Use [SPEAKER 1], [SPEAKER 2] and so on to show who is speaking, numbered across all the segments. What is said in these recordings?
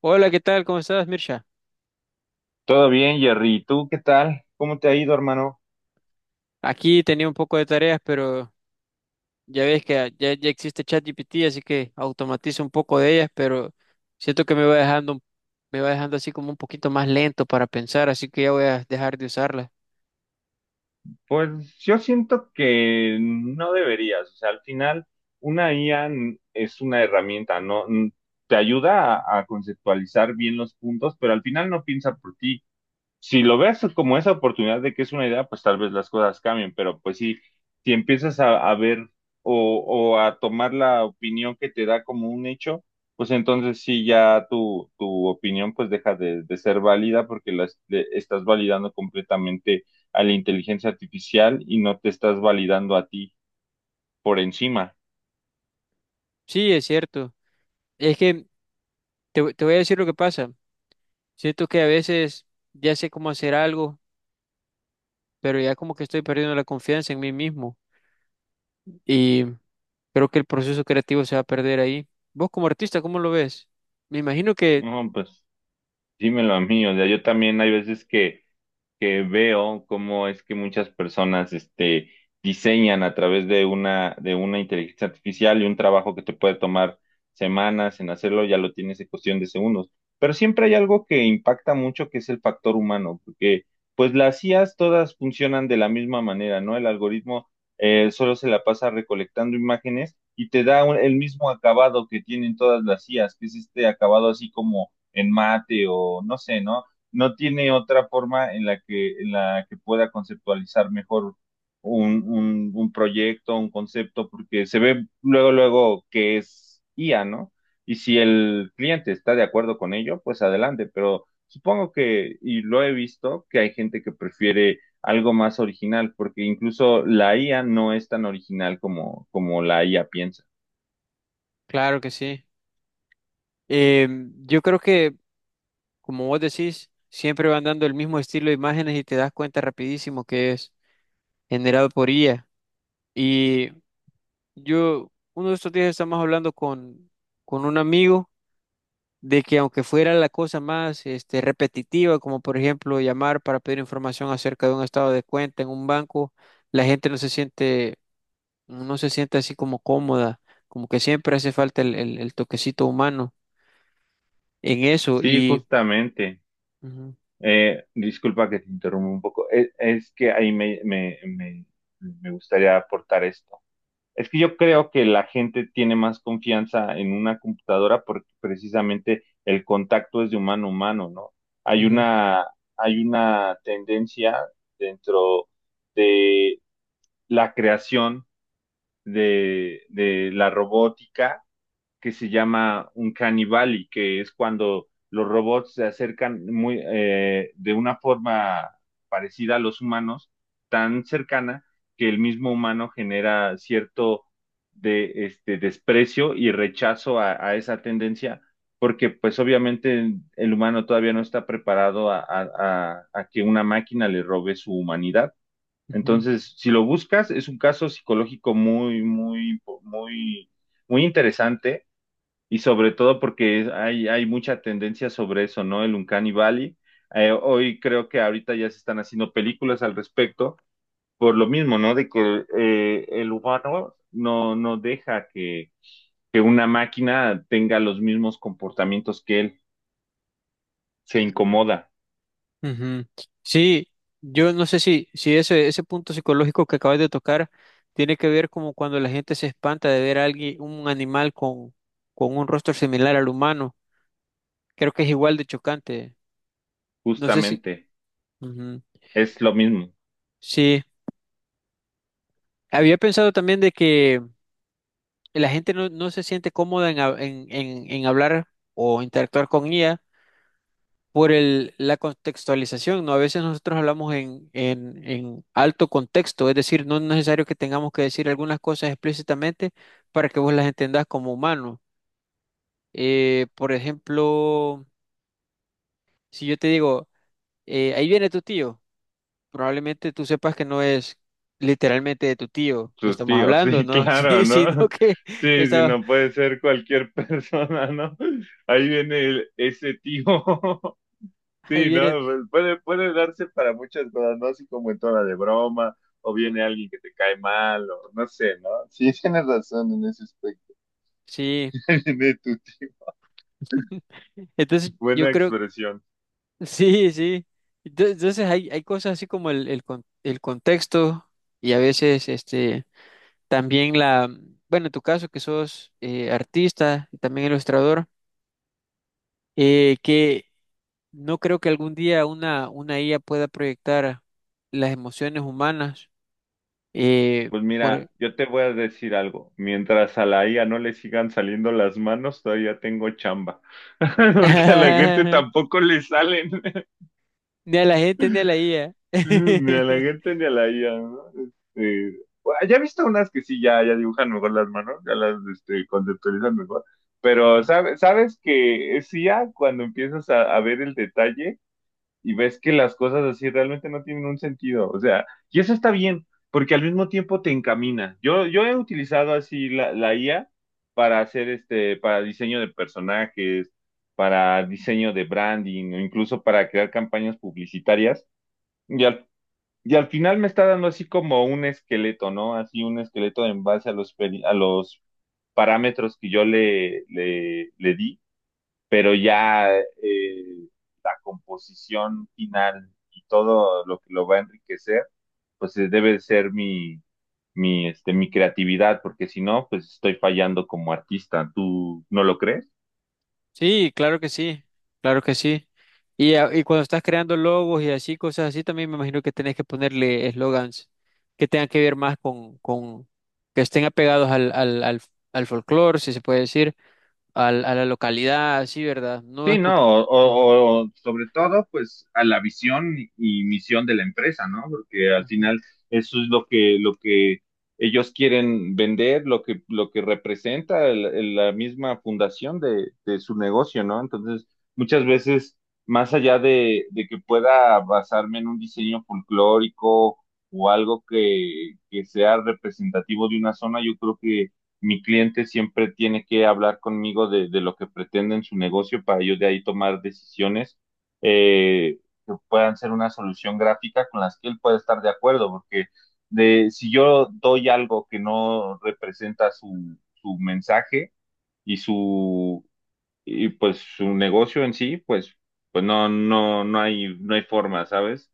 [SPEAKER 1] Hola, ¿qué tal? ¿Cómo estás, Mirsha?
[SPEAKER 2] Todo bien, Jerry. ¿Tú qué tal? ¿Cómo te ha ido, hermano?
[SPEAKER 1] Aquí tenía un poco de tareas, pero ya ves que ya existe ChatGPT, así que automatizo un poco de ellas, pero siento que me va dejando, me va dejando así como un poquito más lento para pensar, así que ya voy a dejar de usarla.
[SPEAKER 2] Pues yo siento que no deberías. O sea, al final, una IA es una herramienta, ¿no? Te ayuda a conceptualizar bien los puntos, pero al final no piensa por ti. Si lo ves como esa oportunidad de que es una idea, pues tal vez las cosas cambien, pero pues sí, si empiezas a ver o, o a tomar la opinión que te da como un hecho, pues entonces sí ya tu opinión pues deja de ser válida porque la estás validando completamente a la inteligencia artificial y no te estás validando a ti por encima.
[SPEAKER 1] Sí, es cierto. Es que te voy a decir lo que pasa. Siento que a veces ya sé cómo hacer algo, pero ya como que estoy perdiendo la confianza en mí mismo y creo que el proceso creativo se va a perder ahí. ¿Vos como artista, cómo lo ves? Me imagino que,
[SPEAKER 2] No, pues dímelo a mí, o sea, yo también hay veces que veo cómo es que muchas personas diseñan a través de una, de una, inteligencia artificial y un trabajo que te puede tomar semanas en hacerlo, ya lo tienes en cuestión de segundos. Pero siempre hay algo que impacta mucho, que es el factor humano, porque pues las IAs todas funcionan de la misma manera, ¿no? El algoritmo solo se la pasa recolectando imágenes y te da el mismo acabado que tienen todas las IAs, que es este acabado así como en mate o no sé, ¿no? No tiene otra forma en la que pueda conceptualizar mejor un proyecto, un concepto, porque se ve luego, luego que es IA, ¿no? Y si el cliente está de acuerdo con ello, pues adelante, pero supongo que, y lo he visto, que hay gente que prefiere algo más original, porque incluso la IA no es tan original como, como la IA piensa.
[SPEAKER 1] claro que sí. Eh, yo creo que, como vos decís, siempre van dando el mismo estilo de imágenes y te das cuenta rapidísimo que es generado por IA. Y yo, uno de estos días estamos hablando con un amigo de que aunque fuera la cosa más repetitiva, como por ejemplo llamar para pedir información acerca de un estado de cuenta en un banco, la gente no se siente, no se siente así como cómoda, como que siempre hace falta el toquecito humano en eso.
[SPEAKER 2] Sí,
[SPEAKER 1] Y
[SPEAKER 2] justamente.
[SPEAKER 1] ujú,
[SPEAKER 2] Disculpa que te interrumpa un poco. Es que ahí me gustaría aportar esto. Es que yo creo que la gente tiene más confianza en una computadora porque precisamente el contacto es de humano a humano, ¿no? Hay
[SPEAKER 1] ujú,
[SPEAKER 2] una, hay una tendencia dentro de la creación de la robótica que se llama un caníbal, y que es cuando los robots se acercan muy, de una forma parecida a los humanos, tan cercana que el mismo humano genera cierto desprecio y rechazo a esa tendencia, porque pues obviamente el humano todavía no está preparado a que una máquina le robe su humanidad.
[SPEAKER 1] ujú.
[SPEAKER 2] Entonces, si lo buscas, es un caso psicológico muy, muy, muy, muy interesante y sobre todo porque hay mucha tendencia sobre eso, ¿no? El Uncanny Valley. Hoy creo que ahorita ya se están haciendo películas al respecto, por lo mismo, ¿no? De que el humano no deja que una máquina tenga los mismos comportamientos que él. Se incomoda,
[SPEAKER 1] Ujú. Sí, yo no sé si ese punto psicológico que acabas de tocar tiene que ver como cuando la gente se espanta de ver a alguien, un animal con un rostro similar al humano. Creo que es igual de chocante. No sé si...
[SPEAKER 2] justamente.
[SPEAKER 1] ujú.
[SPEAKER 2] Es lo mismo.
[SPEAKER 1] Sí, había pensado también de que la gente no, no se siente cómoda en, en hablar o interactuar con ella por el, la contextualización, ¿no? A veces nosotros hablamos en alto contexto, es decir, no es necesario que tengamos que decir algunas cosas explícitamente para que vos las entendás como humano. Por ejemplo, si yo te digo, ahí viene tu tío, probablemente tú sepas que no es literalmente de tu tío que
[SPEAKER 2] Tu
[SPEAKER 1] estamos
[SPEAKER 2] tío,
[SPEAKER 1] hablando,
[SPEAKER 2] sí,
[SPEAKER 1] ¿no?
[SPEAKER 2] claro,
[SPEAKER 1] Sí, sino
[SPEAKER 2] ¿no?
[SPEAKER 1] que
[SPEAKER 2] Sí, sí,
[SPEAKER 1] estaba,
[SPEAKER 2] no puede ser cualquier persona, ¿no? Ahí viene ese tío.
[SPEAKER 1] ahí
[SPEAKER 2] Sí, ¿no?
[SPEAKER 1] viene,
[SPEAKER 2] Pues puede darse para muchas cosas, ¿no? Así como en toda de broma, o viene alguien que te cae mal, o no sé, ¿no? Sí, tienes razón en ese aspecto.
[SPEAKER 1] sí.
[SPEAKER 2] Viene tu tío.
[SPEAKER 1] Entonces, yo
[SPEAKER 2] Buena
[SPEAKER 1] creo.
[SPEAKER 2] expresión.
[SPEAKER 1] Sí, sí. Entonces hay cosas así como el contexto y a veces también la, bueno, en tu caso que sos artista y también ilustrador, que no creo que algún día una IA pueda proyectar las emociones humanas eh,
[SPEAKER 2] Pues
[SPEAKER 1] por...
[SPEAKER 2] mira, yo te voy a decir algo. Mientras a la IA no le sigan saliendo las manos, todavía tengo chamba. Porque a la gente
[SPEAKER 1] ni
[SPEAKER 2] tampoco le salen.
[SPEAKER 1] a la gente ni a la IA.
[SPEAKER 2] Mm, ni a la gente ni a la IA, ¿no? Este, bueno, ya he visto unas que sí, ya, ya dibujan mejor las manos, ya las conceptualizan mejor, pero sabes que es I a cuando empiezas a ver el detalle y ves que las cosas así realmente no tienen un sentido, o sea, y eso está bien, porque al mismo tiempo te encamina. Yo he utilizado así la IA para hacer este, para diseño de personajes, para diseño de branding, o incluso para crear campañas publicitarias. y al y al final me está dando así como un esqueleto, ¿no? Así un esqueleto en base a los parámetros que yo le di, pero ya la composición final y todo lo que lo va a enriquecer, pues debe ser mi creatividad, porque si no, pues estoy fallando como artista. ¿Tú no lo crees?
[SPEAKER 1] Sí, claro que sí, claro que sí. Y, y cuando estás creando logos y así, cosas así, también me imagino que tenés que ponerle eslogans que tengan que ver más con que estén apegados al folclore, si se puede decir, al, a la localidad, así, ¿verdad? No es
[SPEAKER 2] Sí,
[SPEAKER 1] porque...
[SPEAKER 2] no, o,
[SPEAKER 1] Ujú,
[SPEAKER 2] o- o sobre todo, pues a la visión y misión de la empresa, ¿no? Porque al
[SPEAKER 1] ujú.
[SPEAKER 2] final eso es lo que ellos quieren vender, lo que representa la misma fundación de su negocio, ¿no? Entonces, muchas veces, más allá de que pueda basarme en un diseño folclórico o algo que sea representativo de una zona, yo creo mi cliente siempre tiene que hablar conmigo de lo que pretende en su negocio para yo de ahí tomar decisiones eh, que puedan ser una solución gráfica con las que él pueda estar de acuerdo, porque de, si yo doy algo que no representa su mensaje y su y pues su negocio en sí, pues, pues no hay forma, ¿sabes?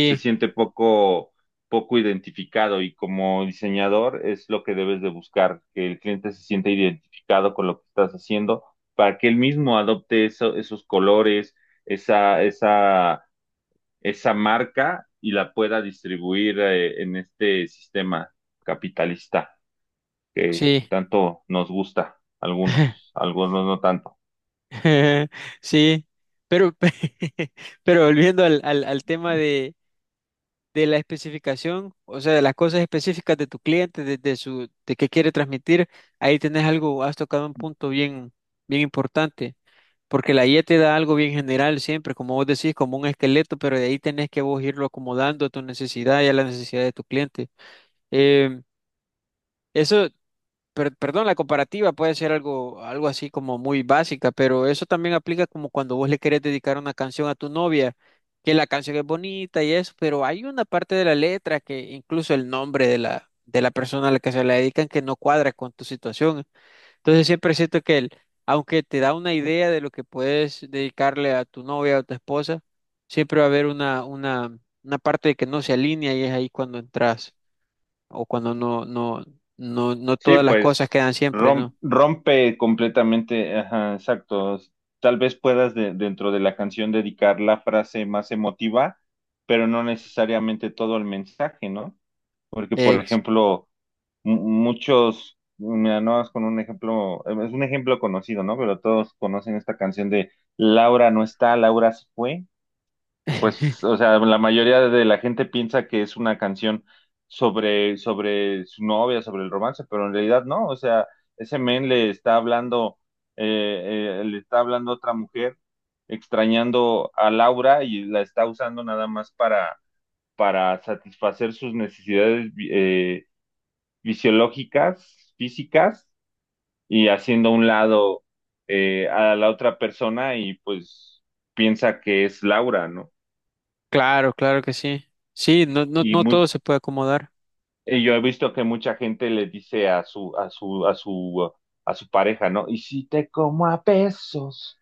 [SPEAKER 2] Se siente poco identificado y como diseñador es lo que debes de buscar, que el cliente se sienta identificado con lo que estás haciendo para que él mismo adopte esos colores, esa, esa, esa marca y la pueda distribuir en este sistema capitalista que
[SPEAKER 1] sí,
[SPEAKER 2] tanto nos gusta, algunos, algunos no tanto.
[SPEAKER 1] sí, pero, pero volviendo al tema de la especificación, o sea, de las cosas específicas de tu cliente, de su, de qué quiere transmitir, ahí tenés algo, has tocado un punto bien importante, porque la guía te da algo bien general siempre, como vos decís, como un esqueleto, pero de ahí tenés que vos irlo acomodando a tu necesidad y a la necesidad de tu cliente. Em, Eso perdón, la comparativa puede ser algo, algo así como muy básica, pero eso también aplica como cuando vos le querés dedicar una canción a tu novia, que la canción es bonita y eso, pero hay una parte de la letra que incluso el nombre de de la persona a la que se la dedican que no cuadra con tu situación. Entonces siempre siento que el, aunque te da una idea de lo que puedes dedicarle a tu novia o tu esposa, siempre va a haber una parte de que no se alinea y es ahí cuando entras o cuando no
[SPEAKER 2] Sí,
[SPEAKER 1] todas las cosas
[SPEAKER 2] pues
[SPEAKER 1] quedan siempre, ¿no?
[SPEAKER 2] rompe completamente, ajá, exacto. Tal vez puedas dentro de la canción dedicar la frase más emotiva, pero no necesariamente todo el mensaje, ¿no? Porque, por
[SPEAKER 1] Ex.
[SPEAKER 2] ejemplo, muchos, mira, no es con un ejemplo, es un ejemplo conocido, ¿no? Pero todos conocen esta canción de Laura no está, Laura se fue. Pues, o sea, la mayoría de la gente piensa que es una canción sobre, sobre su novia, sobre el romance, pero en realidad no, o sea, ese men le está hablando a otra mujer, extrañando a Laura y la está usando nada más para satisfacer sus necesidades fisiológicas, físicas, y haciendo a un lado a la otra persona y pues piensa que es Laura, ¿no?
[SPEAKER 1] Claro, claro que sí. Sí, no, no,
[SPEAKER 2] Y
[SPEAKER 1] no
[SPEAKER 2] mu-
[SPEAKER 1] todo se puede acomodar.
[SPEAKER 2] Y yo he visto que mucha gente le dice a su pareja, ¿no? Y si te como a pesos,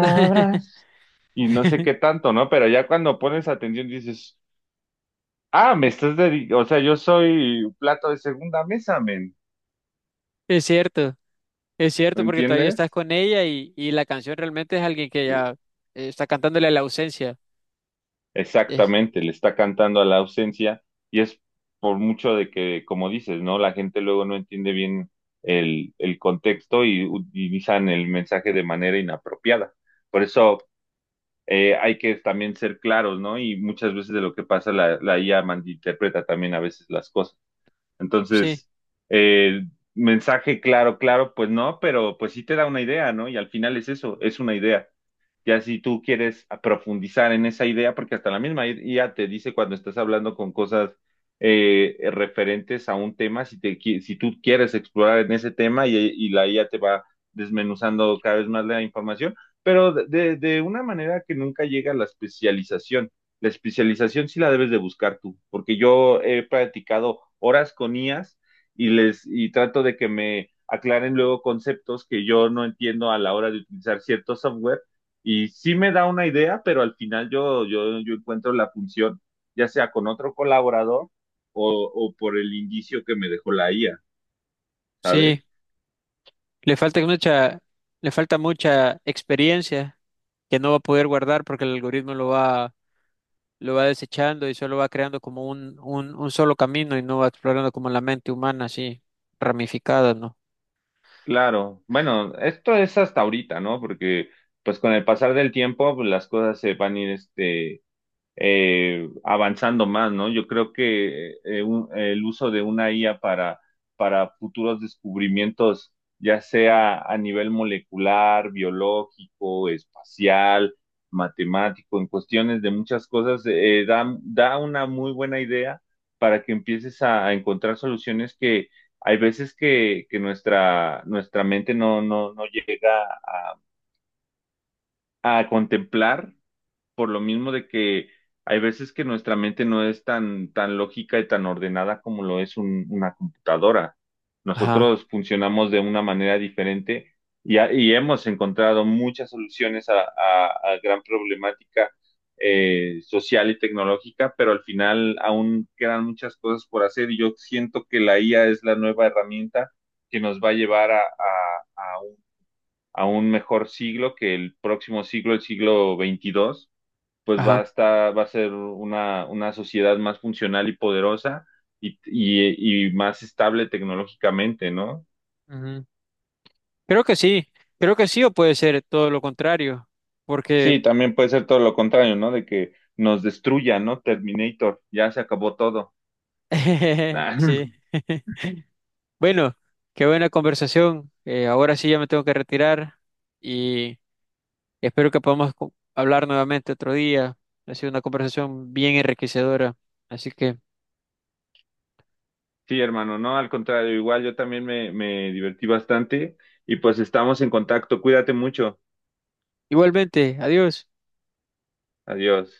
[SPEAKER 2] Y no sé qué tanto, ¿no? Pero ya cuando pones atención dices, ah, me estás dedicando, o sea, yo soy plato de segunda mesa, men.
[SPEAKER 1] Es cierto, es
[SPEAKER 2] ¿Me
[SPEAKER 1] cierto, porque todavía estás
[SPEAKER 2] entiendes?
[SPEAKER 1] con ella y la canción realmente es alguien que ya está cantándole a la ausencia. Es-
[SPEAKER 2] Exactamente, le está cantando a la ausencia y es por mucho de que, como dices, ¿no? La gente luego no entiende bien el contexto y utilizan el mensaje de manera inapropiada. Por eso hay que también ser claros, ¿no? Y muchas veces de lo que pasa la IA malinterpreta también a veces las cosas.
[SPEAKER 1] sí,
[SPEAKER 2] Entonces, eh, mensaje claro, claro, pues no, pero pues sí te da una idea, ¿no? Y al final es eso, es una idea. Ya si tú quieres profundizar en esa idea, porque hasta la misma IA te dice cuando estás hablando con cosas referentes a un tema, si tú quieres explorar en ese tema y la IA te va desmenuzando cada vez más la información, pero de, de una manera que nunca llega a la especialización. La especialización sí la debes de buscar tú, porque yo he practicado horas con IAS y trato de que me aclaren luego conceptos que yo no entiendo a la hora de utilizar cierto software y sí me da una idea, pero al final yo encuentro la función ya sea con otro colaborador o por el indicio que me dejó la IA, ¿sabes?
[SPEAKER 1] sí, le falta mucha, le falta mucha experiencia que no va a poder guardar porque el algoritmo lo va desechando y solo va creando como un solo camino y no va explorando como la mente humana así ramificada, ¿no?
[SPEAKER 2] Claro, bueno, esto es hasta ahorita, ¿no? Porque pues con el pasar del tiempo pues, las cosas se van a ir este avanzando más, ¿no? Yo creo que el uso de una IA para futuros descubrimientos, ya sea a nivel molecular, biológico, espacial, matemático, en cuestiones de muchas cosas, da una muy buena idea para que empieces a encontrar soluciones que hay veces que nuestra, nuestra mente no llega a contemplar por lo mismo de que hay veces que nuestra mente no es tan, tan lógica y tan ordenada como lo es una computadora.
[SPEAKER 1] Ajá,
[SPEAKER 2] Nosotros funcionamos de una manera diferente y hemos encontrado muchas soluciones a, a gran problemática social y tecnológica, pero al final aún quedan muchas cosas por hacer y yo siento que la IA es la nueva herramienta que nos va a llevar a, a un, a un mejor siglo que el próximo siglo, el siglo XXII pues va a
[SPEAKER 1] ajá.
[SPEAKER 2] estar, va a ser una sociedad más funcional y poderosa y más estable tecnológicamente, ¿no?
[SPEAKER 1] Ujú. Creo que sí, creo que sí o puede ser todo lo contrario, porque
[SPEAKER 2] Sí, también puede ser todo lo contrario, ¿no? De que nos destruya, ¿no? Terminator, ya se acabó todo.
[SPEAKER 1] sí. Bueno, qué buena conversación. Ahora sí ya me tengo que retirar y espero que podamos hablar nuevamente otro día. Ha sido una conversación bien enriquecedora, así que
[SPEAKER 2] Sí, hermano, no, al contrario, igual yo también me divertí bastante y pues estamos en contacto. Cuídate mucho.
[SPEAKER 1] igualmente, adiós.
[SPEAKER 2] Adiós.